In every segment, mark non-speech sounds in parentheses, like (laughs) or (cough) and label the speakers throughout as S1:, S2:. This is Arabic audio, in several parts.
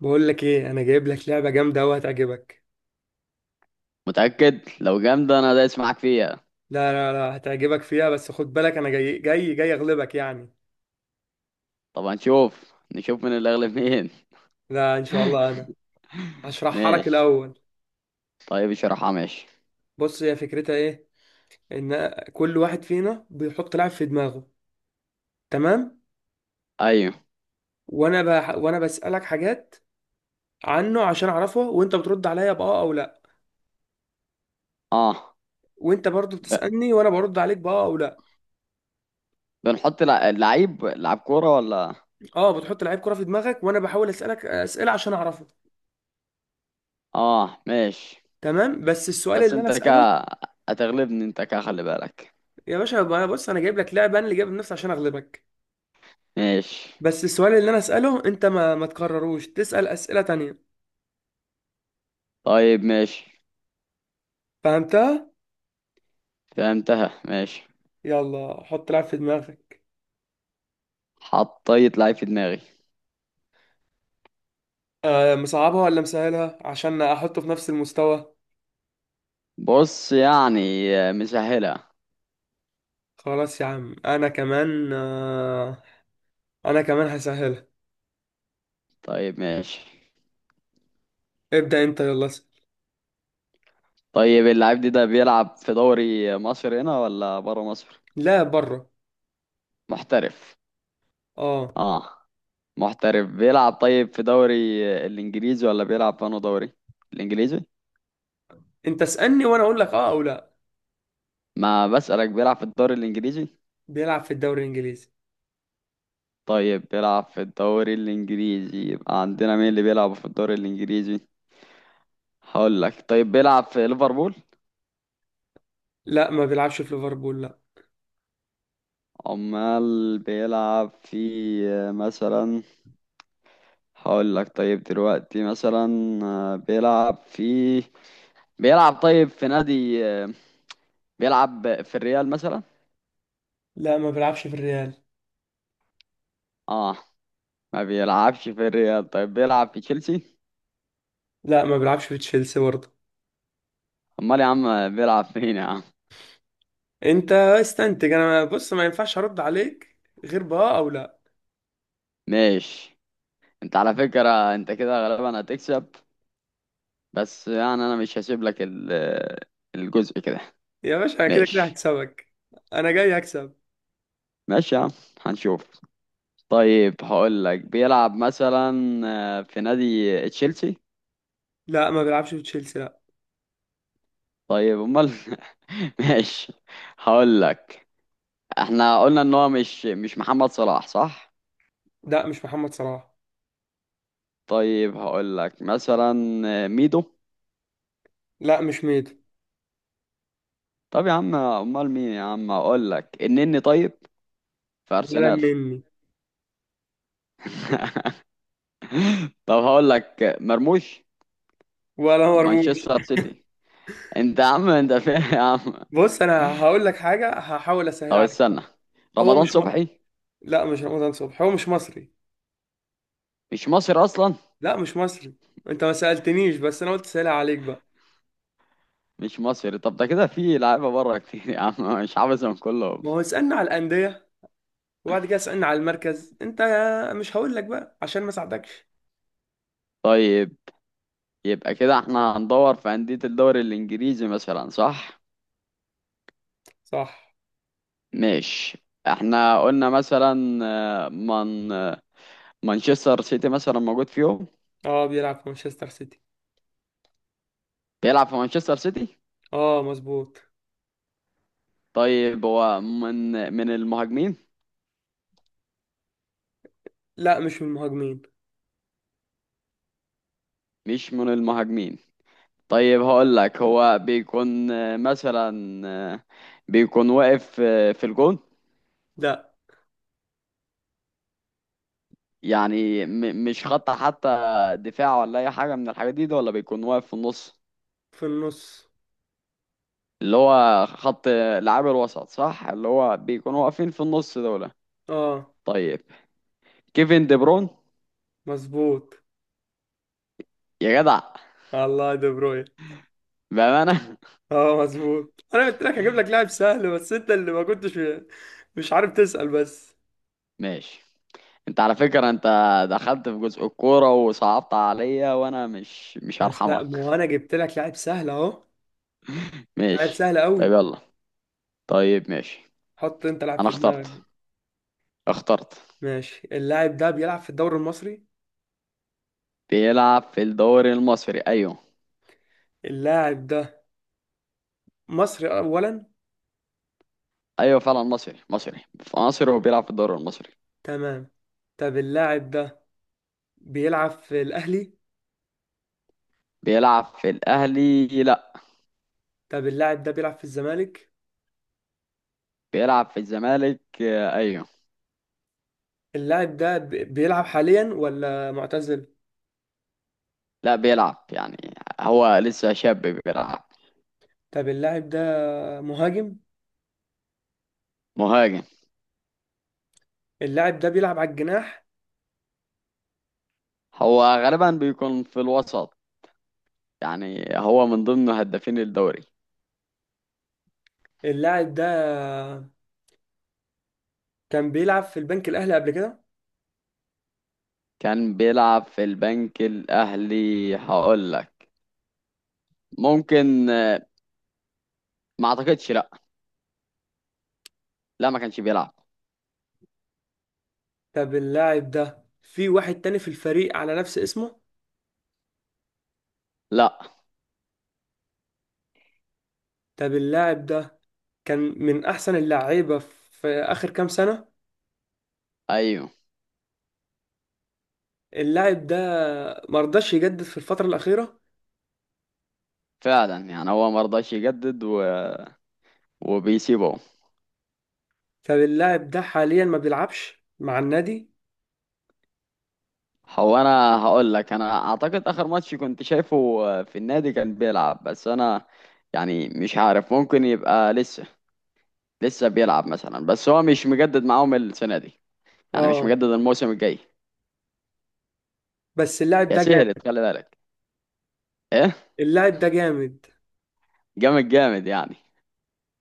S1: بقول لك ايه، انا جايب لك لعبه جامده قوي هتعجبك.
S2: متأكد. لو جامدة أنا دايس معاك فيها.
S1: لا هتعجبك فيها، بس خد بالك انا جاي اغلبك يعني.
S2: طب نشوف من اللي أغلب مين.
S1: لا ان شاء الله انا
S2: (laughs)
S1: هشرحها لك
S2: ماشي.
S1: الاول.
S2: طيب اشرحها، ماشي.
S1: بص هي فكرتها ايه؟ ان كل واحد فينا بيحط لاعب في دماغه، تمام؟
S2: أيوه.
S1: وانا بسالك حاجات عنه عشان اعرفه، وانت بترد عليا باه او لا.
S2: أه.
S1: وانت برضو
S2: ب-
S1: بتسالني وانا برد عليك باه او لا.
S2: بنحط لعيب كورة ولا؟
S1: اه بتحط لعيب كره في دماغك وانا بحاول اسالك اسئله عشان اعرفه.
S2: أه، ماشي.
S1: تمام، بس السؤال
S2: بس
S1: اللي انا
S2: أنت
S1: اساله،
S2: هتغلبني، أنت خلي بالك.
S1: يا باشا ما انا بص انا جايب لك لعبه، انا اللي جايب نفسي عشان اغلبك.
S2: ماشي.
S1: بس السؤال اللي انا اساله انت ما تكرروش، تسال اسئله تانية.
S2: طيب، ماشي.
S1: فهمتها؟
S2: فهمتها، ماشي.
S1: يلا حط لعب في دماغك.
S2: حطيت لعيب في دماغي.
S1: مصعبها ولا مسهلها عشان احطه في نفس المستوى؟
S2: بص يعني، مسهلة.
S1: خلاص يا عم انا كمان، انا كمان هسهلها.
S2: طيب، ماشي.
S1: ابدا انت يلا اسال.
S2: طيب اللاعب ده بيلعب في دوري مصر هنا ولا بره مصر؟
S1: لا بره.
S2: محترف.
S1: اه
S2: اه، محترف. بيلعب طيب في دوري الانجليزي ولا بيلعب في دوري الانجليزي؟
S1: انت اسالني وانا اقول لك اه او لا.
S2: ما بسألك بيلعب في الدوري الانجليزي.
S1: بيلعب في الدوري الانجليزي.
S2: طيب بيلعب في الدوري الانجليزي، يبقى عندنا مين اللي بيلعب في الدوري الانجليزي؟ هقول لك، طيب بيلعب في ليفربول.
S1: لا ما بيلعبش في ليفربول، لا.
S2: امال بيلعب في، مثلا، هقول لك طيب دلوقتي مثلا بيلعب في بيلعب طيب في نادي، بيلعب في الريال مثلا.
S1: لا ما بيلعبش في الريال.
S2: اه، ما بيلعبش في الريال، طيب بيلعب في تشيلسي.
S1: لا ما بيلعبش في تشيلسي برضه.
S2: امال يا عم بيلعب فين يا عم؟
S1: انت استنتج، انا بص ما ينفعش ارد عليك غير باه او لا.
S2: ماشي. انت على فكرة انت كده غالبا هتكسب، بس يعني انا مش هسيب لك الجزء كده.
S1: يا باشا انا كده كده
S2: ماشي.
S1: هكسبك، انا جاي هكسب.
S2: ماشي يا عم. هنشوف. طيب هقول لك بيلعب مثلا، في نادي تشيلسي.
S1: لا ما بيلعبش في تشيلسي، لا.
S2: طيب امال؟ (laughs) ماشي. هقول لك، احنا قلنا ان هو مش محمد صلاح، صح؟
S1: لا مش محمد صلاح.
S2: طيب هقول لك مثلا، ميدو.
S1: لا مش ميدو.
S2: طب يا عم امال مين يا عم؟ هقول لك النني طيب، في
S1: ولا
S2: ارسنال.
S1: النني.
S2: (laughs) طب هقول لك مرموش،
S1: ولا مرموش.
S2: مانشستر سيتي. انت يا عم انت فين يا عم؟
S1: بص انا هقول لك حاجه، هحاول اسهل
S2: طب
S1: عليك بقى.
S2: استنى،
S1: هو
S2: رمضان
S1: مش م...
S2: صبحي.
S1: لا مش رمضان صبحي، هو مش مصري.
S2: مش مصري اصلا؟
S1: لا مش مصري. انت ما سالتنيش بس انا قلت سهلها عليك بقى.
S2: مش مصري، طب ده كده في لعيبه بره كتير يا عم، مش حافظهم كلهم.
S1: ما هو اسالنا على الانديه وبعد كده اسالنا على المركز، انت مش هقول لك بقى عشان ما ساعدكش.
S2: طيب يبقى كده احنا هندور في أندية الدوري الإنجليزي مثلا، صح؟
S1: صح.
S2: ماشي، احنا قلنا مثلا، من مانشستر سيتي مثلا موجود فيهم.
S1: اه بيلعب في مانشستر سيتي.
S2: بيلعب في مانشستر سيتي.
S1: اه مظبوط.
S2: طيب هو من المهاجمين؟
S1: لا مش من المهاجمين.
S2: مش من المهاجمين. طيب هقول لك هو بيكون، مثلا، بيكون واقف، في الجون،
S1: لا.
S2: يعني مش خط حتى دفاع ولا أي حاجة من الحاجات دي ولا بيكون واقف في النص،
S1: في النص.
S2: اللي هو خط لعاب الوسط، صح، اللي هو بيكونوا واقفين في النص دول.
S1: اه
S2: طيب، كيفن دي برون.
S1: مظبوط.
S2: يا جدع،
S1: الله دي بروين.
S2: بأمانة.
S1: اه مظبوط، انا قلت لك هجيب لك لاعب سهل بس انت اللي ما كنتش مش عارف تسأل بس.
S2: (laughs) ماشي. انت على فكرة انت دخلت في جزء الكورة وصعبت عليا، وانا مش
S1: بس لا
S2: هرحمك.
S1: ما هو
S2: (laughs)
S1: انا جبت لك لاعب سهل اهو، لاعب
S2: ماشي.
S1: سهل قوي.
S2: طيب يلا. طيب، ماشي.
S1: حط انت لاعب
S2: انا
S1: في دماغك.
S2: اخترت.
S1: ماشي، اللاعب ده بيلعب في الدوري المصري.
S2: بيلعب في الدوري المصري، ايوه.
S1: اللاعب ده مصري اولا.
S2: ايوه، فعلا مصري، مصري في مصر وبيلعب في الدوري المصري.
S1: تمام. طب اللاعب ده بيلعب في الاهلي؟
S2: بيلعب في الاهلي، لا.
S1: طب اللاعب ده بيلعب في الزمالك؟
S2: بيلعب في الزمالك، ايوه.
S1: اللاعب ده بيلعب حاليا ولا معتزل؟
S2: لا بيلعب يعني، هو لسه شاب بيلعب.
S1: طب اللاعب ده مهاجم؟
S2: مهاجم.
S1: اللاعب ده بيلعب على الجناح؟
S2: هو غالبا بيكون في الوسط، يعني هو من ضمن هدافين الدوري.
S1: اللاعب ده كان بيلعب في البنك الأهلي قبل كده؟
S2: كان بيلعب في البنك الأهلي، هقول لك ممكن، ما اعتقدش، لا. لا، ما كانش بيلعب.
S1: طب اللاعب ده في واحد تاني في الفريق على نفس اسمه؟
S2: لا.
S1: طب اللاعب ده كان من أحسن اللعيبة في آخر كام سنة؟
S2: ايوه.
S1: اللاعب ده مرضاش يجدد في الفترة الأخيرة؟
S2: فعلا، يعني هو ما رضاش يجدد وبيسيبه.
S1: طب اللاعب ده حاليا ما بيلعبش مع النادي؟
S2: هو، انا هقول لك انا اعتقد اخر ماتش كنت شايفه، في النادي كان بيلعب، بس انا يعني مش عارف. ممكن يبقى لسه بيلعب مثلا، بس هو مش مجدد معاهم السنه دي، يعني مش
S1: اه
S2: مجدد الموسم الجاي.
S1: بس اللاعب
S2: يا
S1: ده
S2: سهلت،
S1: جامد.
S2: خلي بالك. ايه.
S1: اللاعب ده جامد.
S2: جامد جامد يعني.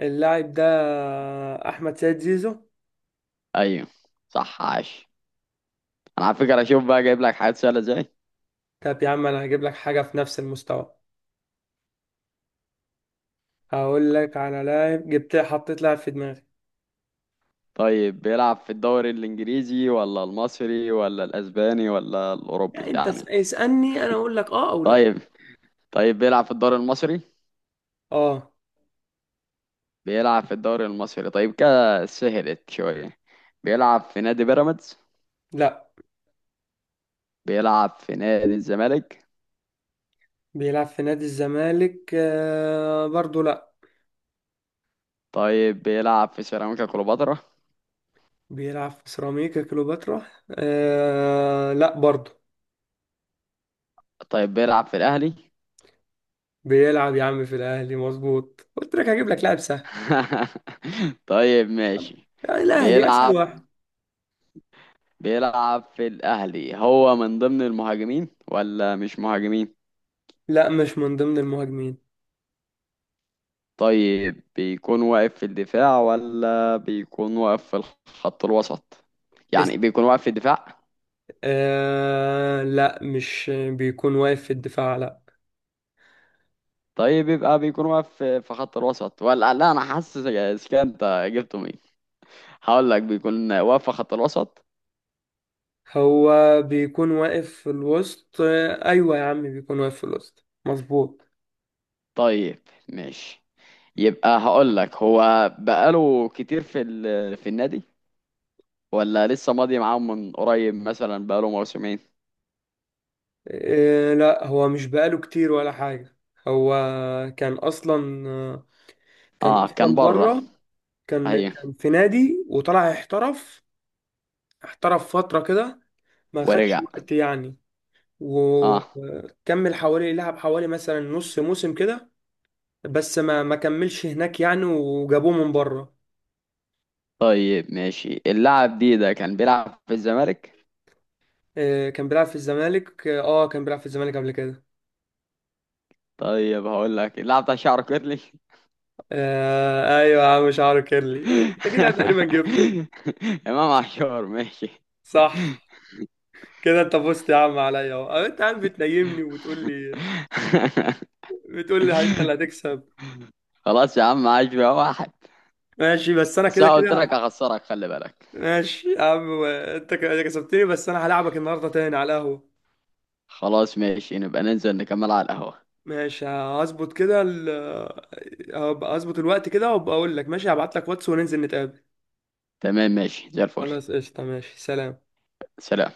S1: اللاعب ده احمد سيد زيزو.
S2: ايوه، صح، عاش. انا على فكره اشوف بقى جايب لك حاجات سهله ازاي.
S1: طب يا عم انا هجيب لك حاجه في نفس المستوى، هقول لك على لاعب، جبت حطيت لاعب في دماغي.
S2: طيب بيلعب في الدوري الانجليزي ولا المصري ولا الاسباني ولا الاوروبي
S1: يعني انت
S2: يعني؟
S1: اسالني انا اقول لك اه او لا.
S2: طيب. طيب بيلعب في الدوري المصري.
S1: اه.
S2: بيلعب في الدوري المصري، طيب كده سهلت شويه. بيلعب في نادي بيراميدز؟
S1: لا
S2: بيلعب في نادي الزمالك؟
S1: بيلعب في نادي الزمالك، برضو لا.
S2: طيب بيلعب في سيراميكا كليوباترا؟
S1: بيلعب في سيراميكا كليوباترا، لا برضو.
S2: طيب بيلعب في الأهلي؟
S1: بيلعب يا عم في الاهلي مظبوط، قلت لك هجيب لك لاعب سهل.
S2: (laughs) طيب، ماشي.
S1: لا، الاهلي اسهل
S2: بيلعب
S1: واحد.
S2: بيلعب في الأهلي، هو من ضمن المهاجمين ولا مش مهاجمين؟
S1: لا مش من ضمن المهاجمين.
S2: طيب بيكون واقف في الدفاع ولا بيكون واقف في الخط الوسط؟ يعني بيكون واقف في الدفاع؟
S1: لا مش بيكون واقف في الدفاع، لا.
S2: طيب يبقى بيكون واقف في خط الوسط ولا لا، انا حاسس إذا كان انت جبته مين. هقول لك بيكون واقف في خط الوسط.
S1: هو بيكون واقف في الوسط، ايوه يا عم بيكون واقف في الوسط مظبوط.
S2: طيب، ماشي. يبقى هقول لك هو بقاله كتير في النادي، ولا لسه ماضي معاهم من قريب مثلا، بقاله موسمين؟
S1: لا هو مش بقاله كتير ولا حاجة. هو كان اصلا، كان
S2: اه،
S1: اصلا
S2: كان بره.
S1: بره. كان
S2: ايوه،
S1: كان في نادي وطلع احترف. احترف فترة كده، ما خدش
S2: ورجع.
S1: وقت يعني.
S2: اه.
S1: وكمل حوالي، لعب حوالي مثلا نص موسم كده، بس ما كملش هناك يعني، وجابوه من بره.
S2: طيب، ماشي. اللاعب ده كان بيلعب في الزمالك.
S1: كان بيلعب في الزمالك، اه كان بيلعب في الزمالك قبل كده.
S2: طيب هقول لك اللاعب بتاع شعره كيرلي.
S1: آه ايوه يا عم شعره كيرلي. انت كده تقريبا جبته،
S2: (laughs) امام عاشور، ماشي. (laughs)
S1: صح. كده انت فزت يا عم عليا اهو، انت عم بتنيمني وبتقول لي، بتقول لي انت اللي هتكسب.
S2: خلاص يا عم، عاش بقى واحد.
S1: ماشي بس انا
S2: بس
S1: كده
S2: انا قلت
S1: كده.
S2: لك هخسرك، خلي بالك.
S1: ماشي يا عم انت كسبتني، بس انا هلعبك النهارده تاني على القهوه.
S2: خلاص، ماشي، نبقى ننزل نكمل على القهوة.
S1: ماشي هظبط كده هبقى هظبط الوقت كده وابقى اقول لك ماشي، هبعت لك واتس وننزل نتقابل.
S2: تمام، ماشي، زي الفل.
S1: خلاص قشطة، ماشي، سلام.
S2: سلام.